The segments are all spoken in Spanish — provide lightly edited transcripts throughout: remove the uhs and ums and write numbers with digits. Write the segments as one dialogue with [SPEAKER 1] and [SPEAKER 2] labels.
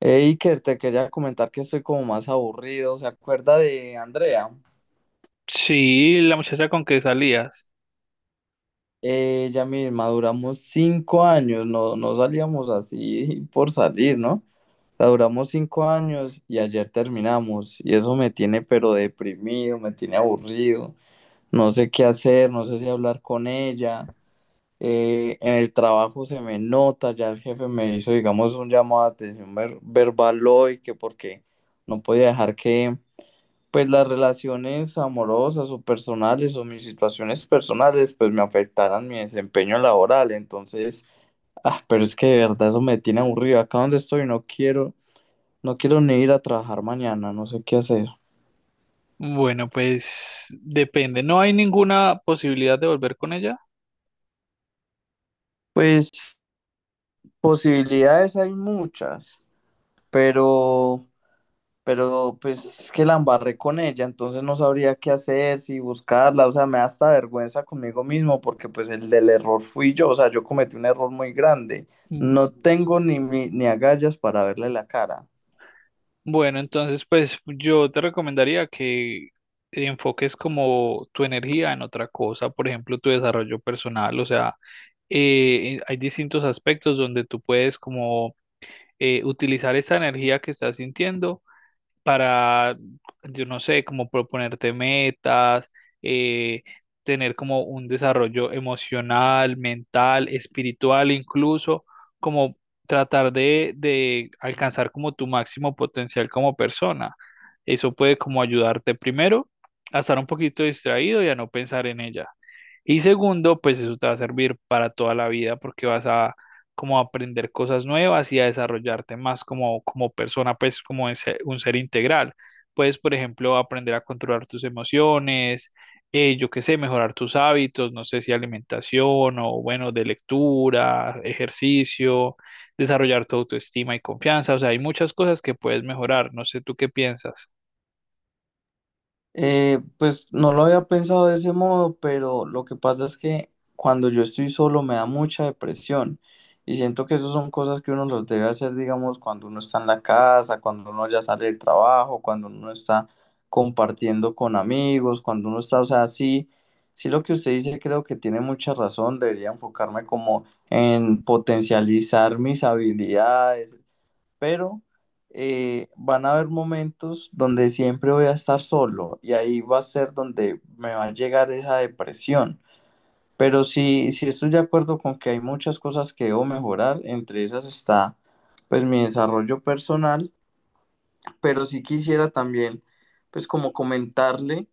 [SPEAKER 1] Hey, Iker, te quería comentar que estoy como más aburrido. ¿Se acuerda de Andrea?
[SPEAKER 2] Sí, la muchacha con que salías.
[SPEAKER 1] Ella misma, duramos 5 años, no, no salíamos así por salir, ¿no? La duramos cinco años y ayer terminamos. Y eso me tiene pero deprimido, me tiene aburrido. No sé qué hacer, no sé si hablar con ella. En el trabajo se me nota, ya el jefe me hizo, digamos, un llamado de atención verbal hoy, que porque no podía dejar que pues las relaciones amorosas o personales o mis situaciones personales pues me afectaran mi desempeño laboral. Entonces, ah, pero es que de verdad eso me tiene aburrido. Acá donde estoy no quiero, no quiero ni ir a trabajar mañana, no sé qué hacer.
[SPEAKER 2] Bueno, pues depende. ¿No hay ninguna posibilidad de volver con ella?
[SPEAKER 1] Pues posibilidades hay muchas, pero pero pues que la embarré con ella, entonces no sabría qué hacer, si buscarla, o sea, me da hasta vergüenza conmigo mismo porque pues el del error fui yo, o sea, yo cometí un error muy grande,
[SPEAKER 2] Mm.
[SPEAKER 1] no tengo ni, ni agallas para verle la cara.
[SPEAKER 2] Bueno, entonces pues yo te recomendaría que enfoques como tu energía en otra cosa, por ejemplo, tu desarrollo personal, o sea, hay distintos aspectos donde tú puedes como utilizar esa energía que estás sintiendo para, yo no sé, como proponerte metas, eh, tener como un desarrollo emocional, mental, espiritual, incluso como tratar de alcanzar como tu máximo potencial como persona. Eso puede como ayudarte primero a estar un poquito distraído y a no pensar en ella. Y segundo, pues eso te va a servir para toda la vida porque vas a como a aprender cosas nuevas y a desarrollarte más como, como persona, pues como un ser integral. Puedes, por ejemplo, aprender a controlar tus emociones, yo qué sé, mejorar tus hábitos, no sé si alimentación o bueno, de lectura, ejercicio, desarrollar tu autoestima y confianza. O sea, hay muchas cosas que puedes mejorar. No sé tú qué piensas.
[SPEAKER 1] Pues no lo había pensado de ese modo, pero lo que pasa es que cuando yo estoy solo me da mucha depresión y siento que esas son cosas que uno los debe hacer, digamos, cuando uno está en la casa, cuando uno ya sale del trabajo, cuando uno está compartiendo con amigos, cuando uno está, o sea, sí, sí lo que usted dice creo que tiene mucha razón, debería enfocarme como en potencializar mis habilidades, pero van a haber momentos donde siempre voy a estar solo y ahí va a ser donde me va a llegar esa depresión. Pero sí, sí estoy de acuerdo con que hay muchas cosas que debo mejorar, entre esas está pues mi desarrollo personal, pero sí quisiera también pues como comentarle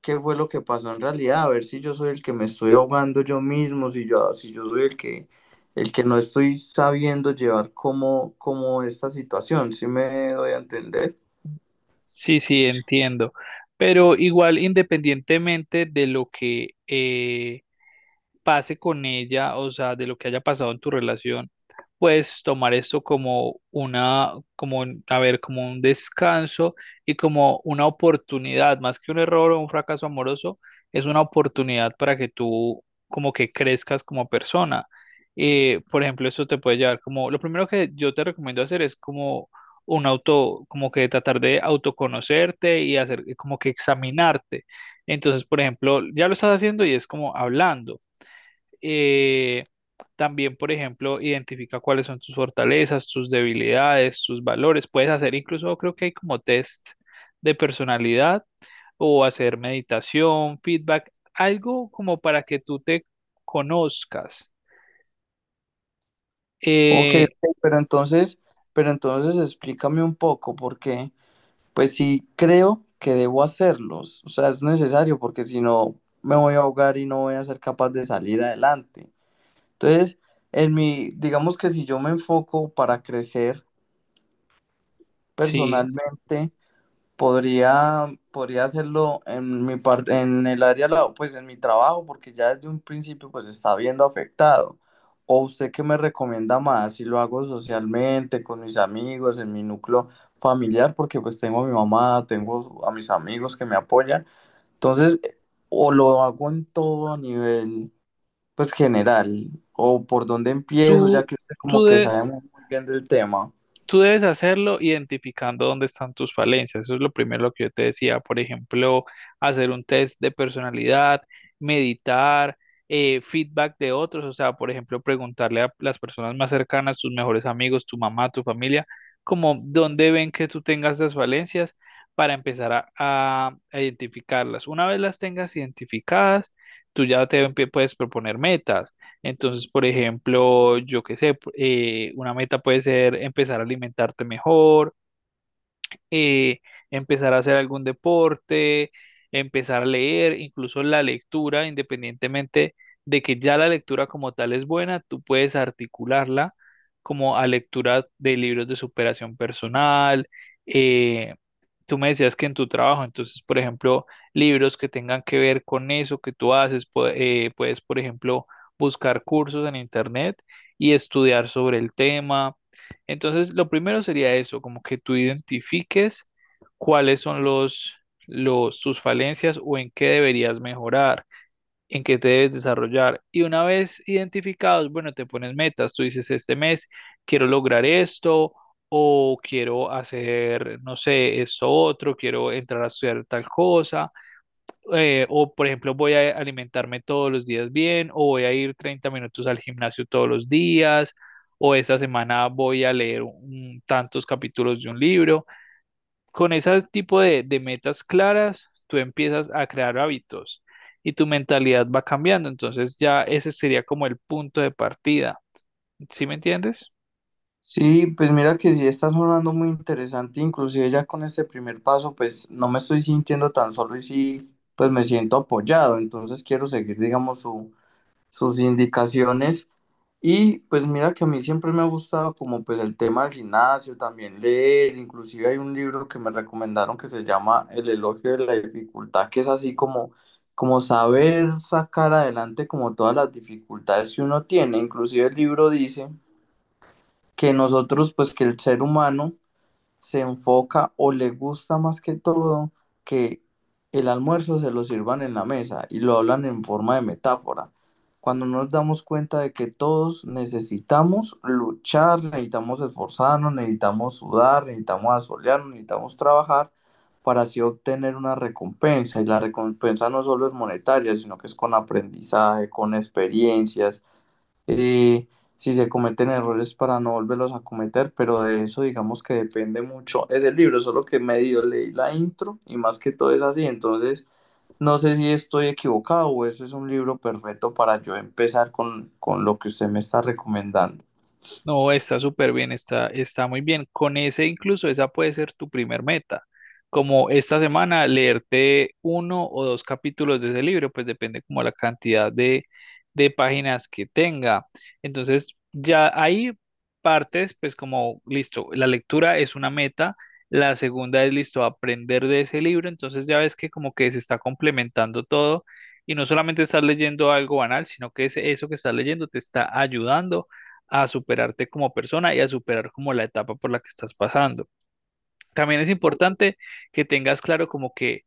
[SPEAKER 1] qué fue lo que pasó en realidad, a ver si yo soy el que me estoy ahogando yo mismo, si yo soy el que no estoy sabiendo llevar como, como esta situación, ¿si me doy a entender?
[SPEAKER 2] Sí, sí, entiendo. Pero igual, independientemente de lo que pase con ella, o sea, de lo que haya pasado en tu relación, puedes tomar esto como una, como, a ver, como un descanso y como una oportunidad, más que un error o un fracaso amoroso, es una oportunidad para que tú como que crezcas como persona. Por ejemplo, eso te puede llevar como, lo primero que yo te recomiendo hacer es como un auto, como que tratar de autoconocerte y hacer como que examinarte. Entonces, por ejemplo, ya lo estás haciendo y es como hablando. Eh, También, por ejemplo, identifica cuáles son tus fortalezas, tus debilidades, tus valores. Puedes hacer incluso, creo que hay como test de personalidad o hacer meditación, feedback, algo como para que tú te conozcas.
[SPEAKER 1] Ok,
[SPEAKER 2] Eh,
[SPEAKER 1] ok, pero entonces explícame un poco, porque pues sí creo que debo hacerlos, o sea, es necesario, porque si no me voy a ahogar y no voy a ser capaz de salir adelante. Entonces, en mi, digamos que si yo me enfoco para crecer
[SPEAKER 2] sí,
[SPEAKER 1] personalmente, podría, podría hacerlo en mi parte, en el área, pues en mi trabajo, porque ya desde un principio pues está viendo afectado. ¿O usted qué me recomienda más? Si lo hago socialmente, con mis amigos, en mi núcleo familiar, porque pues tengo a mi mamá, tengo a mis amigos que me apoyan. Entonces, o lo hago en todo a nivel pues general, o por dónde empiezo, ya
[SPEAKER 2] tú,
[SPEAKER 1] que usted como
[SPEAKER 2] tú
[SPEAKER 1] que
[SPEAKER 2] de-
[SPEAKER 1] sabe muy muy bien del tema.
[SPEAKER 2] Tú debes hacerlo identificando dónde están tus falencias. Eso es lo primero lo que yo te decía. Por ejemplo, hacer un test de personalidad, meditar, feedback de otros. O sea, por ejemplo, preguntarle a las personas más cercanas, tus mejores amigos, tu mamá, tu familia, como dónde ven que tú tengas las falencias para empezar a identificarlas. Una vez las tengas identificadas, tú puedes proponer metas entonces, por ejemplo, yo qué sé, una meta puede ser empezar a alimentarte mejor, eh, empezar a hacer algún deporte, empezar a leer, incluso la lectura, independientemente de que ya la lectura como tal es buena, tú puedes articularla como a lectura de libros de superación personal, eh, tú me decías que en tu trabajo, entonces, por ejemplo, libros que tengan que ver con eso que tú haces, puedes, por ejemplo, buscar cursos en internet y estudiar sobre el tema. Entonces, lo primero sería eso, como que tú identifiques cuáles son los, tus falencias o en qué deberías mejorar en qué te debes desarrollar. Y una vez identificados, bueno, te pones metas. Tú dices, este mes quiero lograr esto o quiero hacer, no sé, esto otro, quiero entrar a estudiar tal cosa, o por ejemplo voy a alimentarme todos los días bien, o voy a ir 30 minutos al gimnasio todos los días, o esta semana voy a leer tantos capítulos de un libro. Con ese tipo de metas claras, tú empiezas a crear hábitos y tu mentalidad va cambiando. Entonces ya ese sería como el punto de partida. ¿Sí me entiendes?
[SPEAKER 1] Sí, pues mira que sí está sonando muy interesante, inclusive ya con este primer paso, pues no me estoy sintiendo tan solo y sí, pues me siento apoyado, entonces quiero seguir, digamos, sus indicaciones. Y pues mira que a mí siempre me ha gustado como pues el tema del gimnasio, también leer. Inclusive hay un libro que me recomendaron que se llama El elogio de la dificultad, que es así como, como saber sacar adelante como todas las dificultades que uno tiene. Inclusive el libro dice que nosotros, pues que el ser humano se enfoca o le gusta más que todo que el almuerzo se lo sirvan en la mesa y lo hablan en forma de metáfora. Cuando nos damos cuenta de que todos necesitamos luchar, necesitamos esforzarnos, necesitamos sudar, necesitamos asolearnos, necesitamos trabajar para así obtener una recompensa. Y la recompensa no solo es monetaria, sino que es con aprendizaje, con experiencias, eh, si se cometen errores para no volverlos a cometer, pero de eso digamos que depende mucho. Es el libro, solo que medio leí la intro y más que todo es así. Entonces, no sé si estoy equivocado o eso es un libro perfecto para yo empezar con lo que usted me está recomendando.
[SPEAKER 2] No, está súper bien, está, está muy bien. Con ese incluso, esa puede ser tu primer meta. Como esta semana, leerte uno o dos capítulos de ese libro, pues depende como la cantidad de páginas que tenga. Entonces, ya ahí partes, pues como, listo, la lectura es una meta. La segunda es, listo, aprender de ese libro. Entonces ya ves que como que se está complementando todo y no solamente estás leyendo algo banal, sino que eso que estás leyendo te está ayudando a superarte como persona y a superar como la etapa por la que estás pasando. También es importante que tengas claro como que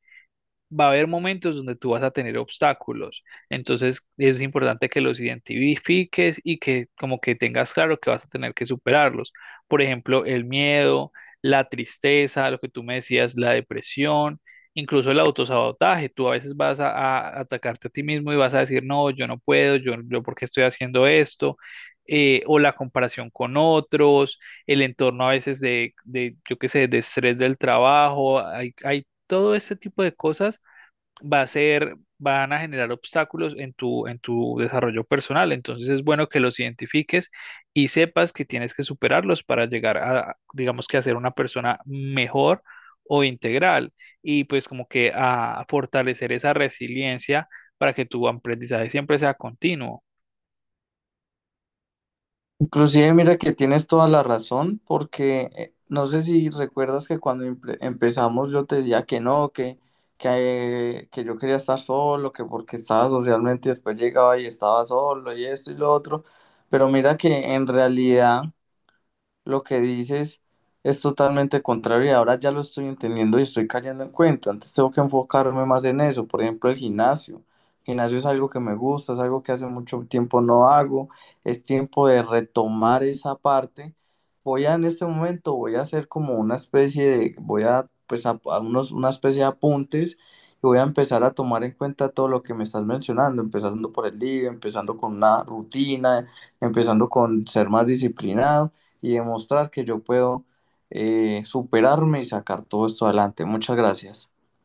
[SPEAKER 2] va a haber momentos donde tú vas a tener obstáculos. Entonces es importante que los identifiques y que como que tengas claro que vas a tener que superarlos. Por ejemplo, el miedo, la tristeza, lo que tú me decías, la depresión, incluso el autosabotaje. Tú a veces vas a atacarte a ti mismo y vas a decir, no, yo no puedo, yo por qué estoy haciendo esto. O la comparación con otros, el entorno a veces de yo qué sé, de estrés del trabajo, hay todo este tipo de cosas va a ser, van a generar obstáculos en en tu desarrollo personal. Entonces es bueno que los identifiques y sepas que tienes que superarlos para llegar a, digamos que a ser una persona mejor o integral y pues como que a fortalecer esa resiliencia para que tu aprendizaje siempre sea continuo.
[SPEAKER 1] Inclusive, mira que tienes toda la razón, porque no sé si recuerdas que cuando empezamos yo te decía que no, que yo quería estar solo, que porque estaba socialmente y después llegaba y estaba solo y esto y lo otro, pero mira que en realidad lo que dices es totalmente contrario y ahora ya lo estoy entendiendo y estoy cayendo en cuenta. Antes tengo que enfocarme más en eso. Por ejemplo, el gimnasio. El gimnasio es algo que me gusta, es algo que hace mucho tiempo no hago. Es tiempo de retomar esa parte. Voy a, en este momento voy a hacer como una especie de, voy a pues a, unos, una especie de apuntes y voy a empezar a tomar en cuenta todo lo que me estás mencionando, empezando por el libro, empezando con una rutina, empezando con ser más disciplinado y demostrar que yo puedo, superarme y sacar todo esto adelante. Muchas gracias.